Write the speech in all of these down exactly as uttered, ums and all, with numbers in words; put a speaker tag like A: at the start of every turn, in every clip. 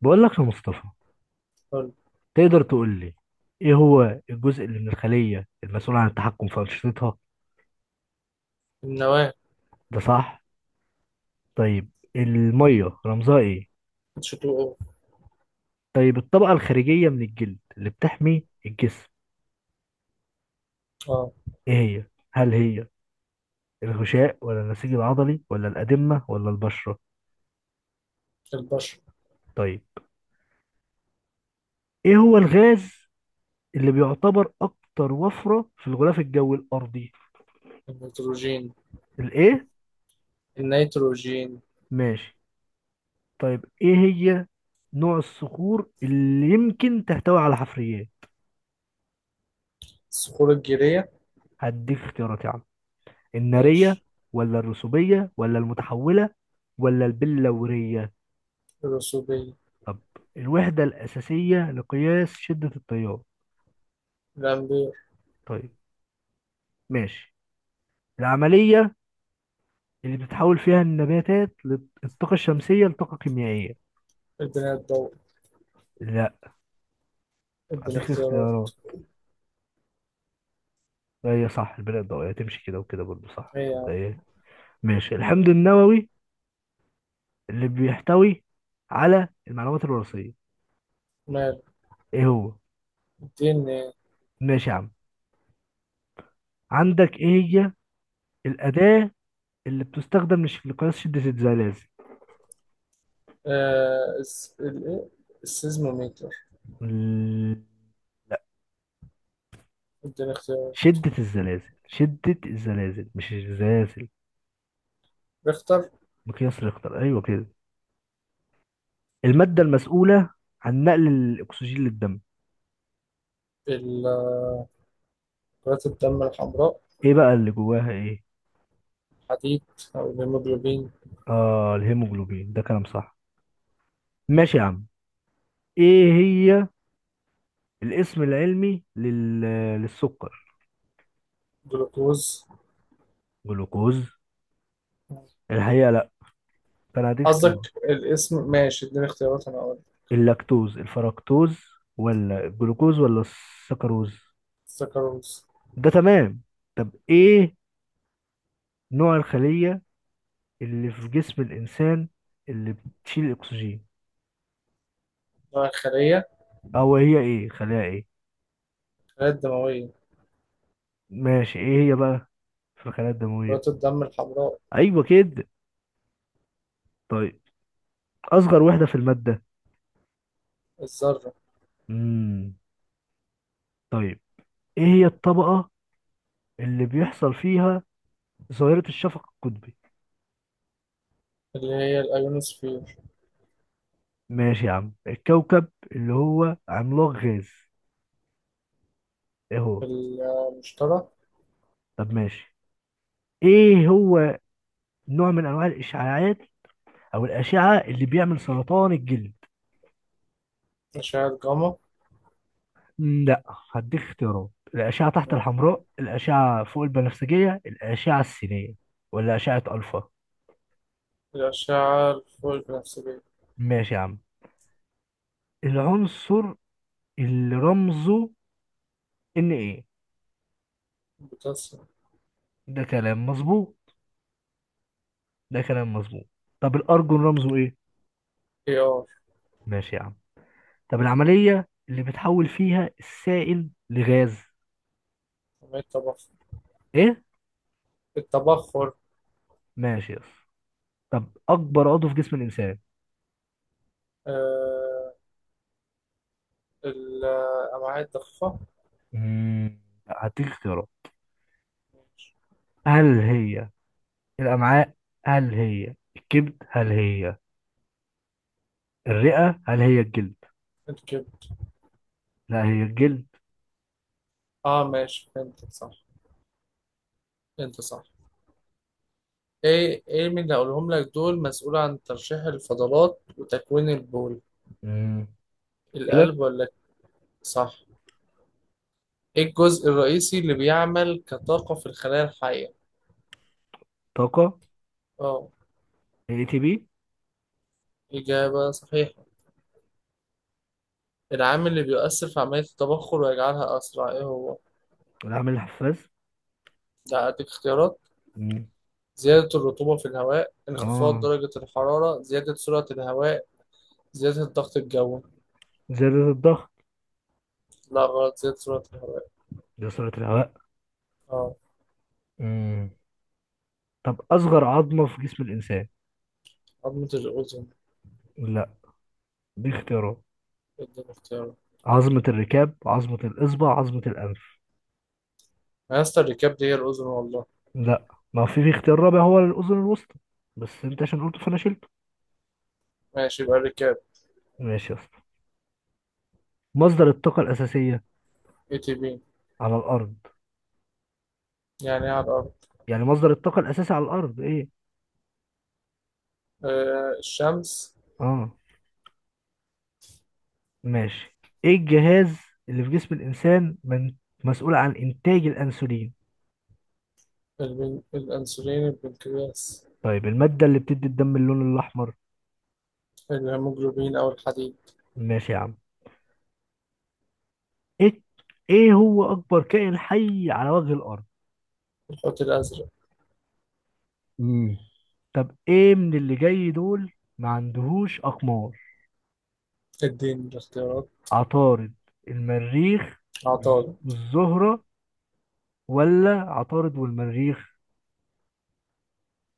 A: بقول لك يا مصطفى،
B: حلو.
A: تقدر تقول لي ايه هو الجزء اللي من الخلية المسؤول عن التحكم في أنشطتها؟
B: النواة.
A: ده صح. طيب، المية رمزها ايه؟
B: شكله.
A: طيب، الطبقة الخارجية من الجلد اللي بتحمي الجسم
B: اه،
A: ايه هي؟ هل هي الغشاء ولا النسيج العضلي ولا الأدمة ولا البشرة؟
B: البشر.
A: طيب، ايه هو الغاز اللي بيعتبر اكتر وفرة في الغلاف الجوي الأرضي؟
B: النيتروجين.
A: الايه؟
B: النيتروجين.
A: ماشي. طيب ايه هي نوع الصخور اللي يمكن تحتوي على حفريات؟
B: الصخور الجيرية.
A: هديك اختيارات يا عم: النارية
B: ماشي.
A: ولا الرسوبية ولا المتحولة ولا البلورية؟
B: الرسوبية.
A: طب الوحدة الأساسية لقياس شدة التيار؟
B: الأمبير.
A: طيب، ماشي. العملية اللي بتتحول فيها النباتات للطاقة الشمسية لطاقة كيميائية؟
B: ادينا الضوء.
A: لا،
B: ادينا
A: هديك
B: اختيارات.
A: اختيارات. هي صح البناء الضوئية، تمشي كده وكده برضه صح.
B: ايه يا
A: صدق
B: عم؟
A: ايه؟ ماشي. الحمض النووي اللي بيحتوي على المعلومات الوراثية
B: مال.
A: ايه هو؟
B: اديني.
A: ماشي يا عم. عندك ايه هي الأداة اللي بتستخدم لش- لقياس شدة الزلازل؟
B: آه، الس- ال- إيه؟ السيزموميتر.
A: ال-
B: ادينا اختيارات.
A: شدة الزلازل، شدة الزلازل، مش الزلازل.
B: ريختر.
A: مقياس ريختر، أيوة كده. المادة المسؤولة عن نقل الأكسجين للدم؟
B: ال- آه، كرات الدم الحمراء.
A: إيه بقى اللي جواها إيه؟
B: حديد أو الهيموجلوبين.
A: آه، الهيموجلوبين، ده كلام صح. ماشي يا عم. إيه هي الاسم العلمي لل... للسكر؟
B: جلوكوز.
A: جلوكوز؟ الحقيقة لأ، فأنا هديك اختيارات:
B: قصدك الاسم؟ ماشي، اديني اختيارات أنا أقول.
A: اللاكتوز، الفركتوز، ولا الجلوكوز، ولا السكروز؟
B: سكروز.
A: ده تمام. طب ايه نوع الخلية اللي في جسم الإنسان اللي بتشيل الأكسجين؟
B: نوع الخلية؟
A: أو هي إيه، خلايا إيه؟
B: الخلايا الدموية.
A: ماشي. إيه هي بقى في الخلايا
B: كرات
A: الدموية؟
B: الدم الحمراء.
A: أيوة كده. طيب، أصغر وحدة في المادة؟
B: الذرة.
A: مم. طيب، إيه هي الطبقة اللي بيحصل فيها ظاهرة الشفق القطبي؟
B: اللي هي الأيونوسفير.
A: ماشي يا عم. الكوكب اللي هو عملاق غاز إيه هو؟
B: المشترى.
A: طب ماشي. إيه هو نوع من أنواع الإشعاعات أو الأشعة اللي بيعمل سرطان الجلد؟
B: أشعة جاما.
A: لا، هديك اختيارات: الأشعة تحت
B: ماشي.
A: الحمراء، الأشعة فوق البنفسجية، الأشعة السينية، ولا أشعة ألفا؟
B: الأشعة الفوق البنفسجية.
A: ماشي يا عم. العنصر اللي رمزه إن، إيه؟
B: بوتاسيوم.
A: ده كلام مظبوط، ده كلام مظبوط. طب الأرجون رمزه إيه؟
B: اي ار.
A: ماشي يا عم. طب العملية اللي بتحول فيها السائل لغاز؟
B: كمية تبخر.
A: إيه؟
B: التبخر.
A: ماشي يا اسطى. طب أكبر عضو في جسم الإنسان؟
B: آه، الأمعاء الضخة.
A: مم، لا، هديك اختيارات.
B: ماشي.
A: هل هي الأمعاء، هل هي الكبد، هل هي الرئة، هل هي الجلد؟
B: الكبد.
A: لا، هي الجلد.
B: اه ماشي، فهمتك صح، انت صح. ايه ايه من اللي هقولهم لك دول مسؤول عن ترشيح الفضلات وتكوين البول؟
A: مم. كلى.
B: القلب ولا؟ صح. ايه الجزء الرئيسي اللي بيعمل كطاقة في الخلايا الحية؟
A: طاقة.
B: اه.
A: اي تي بي.
B: إجابة صحيحة. العامل اللي بيؤثر في عملية التبخر ويجعلها أسرع إيه هو؟
A: العامل الحفاز.
B: ده أديك اختيارات.
A: مم.
B: زيادة الرطوبة في الهواء، انخفاض
A: اه،
B: درجة الحرارة، زيادة سرعة الهواء، زيادة الضغط الجوي.
A: زيادة الضغط.
B: لا غلط، زيادة سرعة الهواء.
A: دي سرعة الهواء.
B: اه.
A: مم. طب أصغر عظمة في جسم الإنسان؟
B: عظمة الأذن.
A: لا، دي اختيارات:
B: اديني اختيارات.
A: عظمة الركاب، عظمة الإصبع، عظمة الأنف.
B: أنا يا اسطى الركاب دي هي الأذن والله.
A: لا، ما في في اختيار رابع هو الأذن الوسطى، بس أنت عشان قلته فأنا شلته.
B: ماشي، يبقى الركاب.
A: ماشي يا اسطى. مصدر الطاقة الأساسية
B: اي تي بي.
A: على الأرض.
B: يعني إيه على الأرض؟
A: يعني مصدر الطاقة الأساسي على الأرض إيه؟
B: آه، الشمس.
A: آه، ماشي. ايه الجهاز اللي في جسم الانسان من مسؤول عن انتاج الانسولين؟
B: البن... الأنسولين، البنكرياس.
A: طيب، المادة اللي بتدي الدم اللون الاحمر؟
B: الهيموجلوبين أو الحديد.
A: ماشي يا عم. ايه ايه هو اكبر كائن حي على وجه الارض؟
B: الحوت الأزرق.
A: مم. طب ايه من اللي جاي دول ما عندهوش اقمار؟
B: اديني الاختيارات.
A: عطارد، المريخ والز-
B: عطارد.
A: والزهرة، ولا عطارد والمريخ؟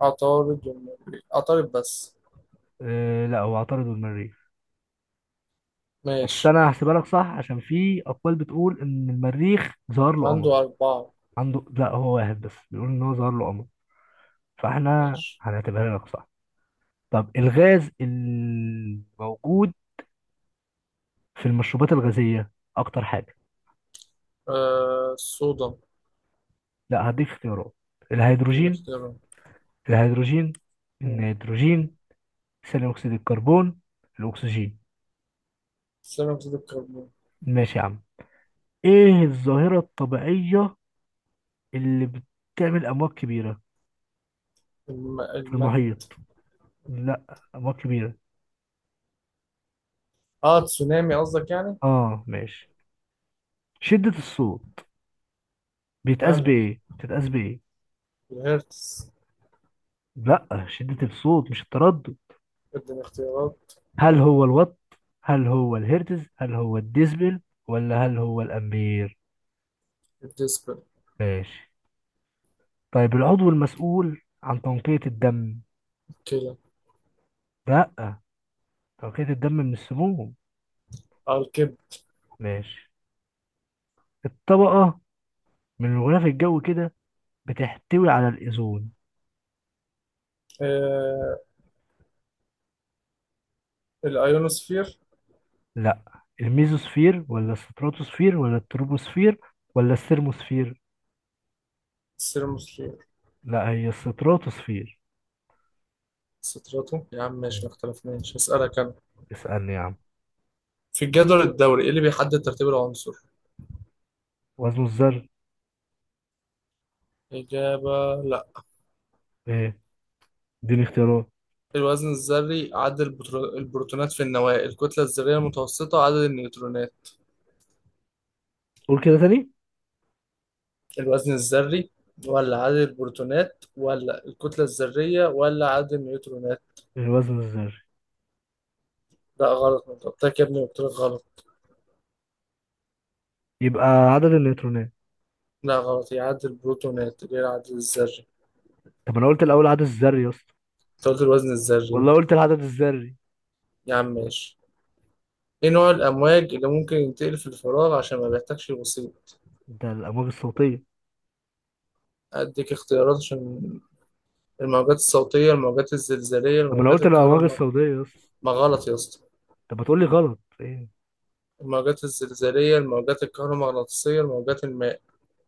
B: عطارد والنبي، عطارد بس.
A: آه لا، هو عطارد والمريخ، بس
B: ماشي.
A: انا هحسبها لك صح عشان في اقوال بتقول ان المريخ ظهر له قمر.
B: عنده أربعة.
A: عنده، لا هو واحد بس، بيقول ان هو ظهر له قمر، فاحنا
B: ماشي.
A: هنعتبرها لك صح. طب الغاز الموجود في المشروبات الغازية اكتر حاجة؟
B: آه، الصودا.
A: لا، هديك اختيارات:
B: دي
A: الهيدروجين،
B: نختارها.
A: الهيدروجين،
B: مم.
A: النيتروجين، ثاني اكسيد الكربون، الاكسجين.
B: ثاني أكسيد الكربون.
A: ماشي يا عم. ايه الظاهرة الطبيعية اللي بتعمل امواج كبيرة
B: الم...
A: في
B: المادة.
A: المحيط؟ لا، امواج كبيرة.
B: اه تسونامي قصدك يعني.
A: اه ماشي. شدة الصوت بيتقاس
B: مالها؟
A: بايه بتتقاس بايه؟
B: الهرتز.
A: لا، شدة الصوت مش التردد.
B: اديني اختيارات.
A: هل هو الوات، هل هو الهرتز، هل هو الديسبل، ولا هل هو الأمبير؟
B: الديسبل.
A: ماشي. طيب، العضو المسؤول عن تنقية الدم؟
B: كده.
A: لا، تنقية الدم من السموم.
B: اه، الكب.
A: ماشي. الطبقة من الغلاف الجوي كده بتحتوي على الأوزون؟
B: آه، الايونوسفير.
A: لا، الميزوسفير ولا الستراتوسفير ولا التروبوسفير ولا الثرموسفير؟
B: السيرموسفير.
A: لا، هي الستراتوسفير.
B: ستراتو يا عم ماشي،
A: مم.
B: ما اختلفناش. هسألك انا.
A: اسألني يا عم.
B: في الجدول الدوري ايه اللي بيحدد ترتيب العنصر؟
A: وزن الذر.
B: إجابة؟ لا.
A: ايه؟ اديني اختيارات.
B: الوزن الذري، عدد البترو- البروتونات في النواة، الكتلة الذرية المتوسطة، عدد النيوترونات.
A: قول كده تاني.
B: الوزن الذري ولا عدد البروتونات ولا الكتلة الذرية ولا عدد النيوترونات؟
A: الوزن الذري.
B: لا غلط، ما جبتك يا ابني، قلت لك غلط.
A: يبقى عدد النيوترونات.
B: لا غلط، هي عدد البروتونات، غير عدد الذري.
A: طب انا قلت الاول عدد الذري يا اسطى.
B: انت قلت الوزن الذري.
A: والله قلت العدد الذري.
B: يا عم ماشي. ايه نوع الأمواج اللي ممكن ينتقل في الفراغ عشان ما بيحتاجش الوسيط؟
A: ده الامواج الصوتيه.
B: أديك اختيارات عشان. الموجات الصوتية، الموجات الزلزالية،
A: طب انا
B: الموجات
A: قلت الامواج
B: الكهرومغناطيسية.
A: الصوتيه يا اسطى.
B: ما غلط يا اسطى.
A: طب ما تقول لي غلط ايه.
B: الموجات الزلزالية، الموجات الكهرومغناطيسية، الموجات الماء.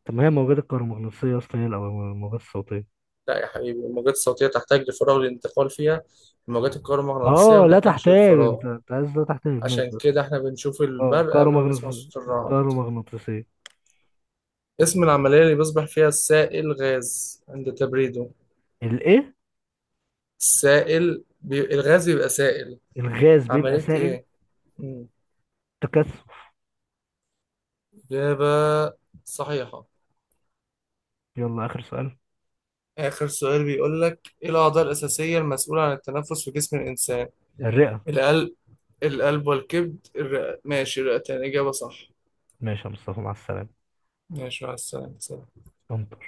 A: طب ما هي الموجات الكهرومغناطيسيه يا اسطى، هي الأو- الموجات الصوتيه.
B: لا يا حبيبي، الموجات الصوتية تحتاج لفراغ للانتقال فيها، الموجات الكهرومغناطيسية
A: اه
B: ما
A: لا
B: تحتاجش
A: تحتاج، انت
B: للفراغ.
A: انت عايز لا تحتاج،
B: عشان
A: ماشي.
B: كده احنا بنشوف
A: اه،
B: البرق قبل ما نسمع
A: كهرومغناطيسيه،
B: صوت الرعد.
A: الكهرومغناطيسيه.
B: اسم العملية اللي بيصبح فيها السائل غاز عند تبريده؟
A: الايه؟
B: السائل بي... الغاز بيبقى سائل.
A: الغاز بيبقى
B: عملية
A: سائل.
B: ايه؟ مم.
A: تكثف.
B: إجابة صحيحة.
A: يلا اخر سؤال.
B: آخر سؤال بيقول لك، ايه الأعضاء الأساسية المسؤولة عن التنفس في جسم الإنسان؟
A: الرئه.
B: القلب. القلب والكبد الرئة، ماشي الرئتين، إجابة صح.
A: ماشي يا مصطفى، مع السلامه.
B: ماشي، مع السلامة، سلام.
A: انت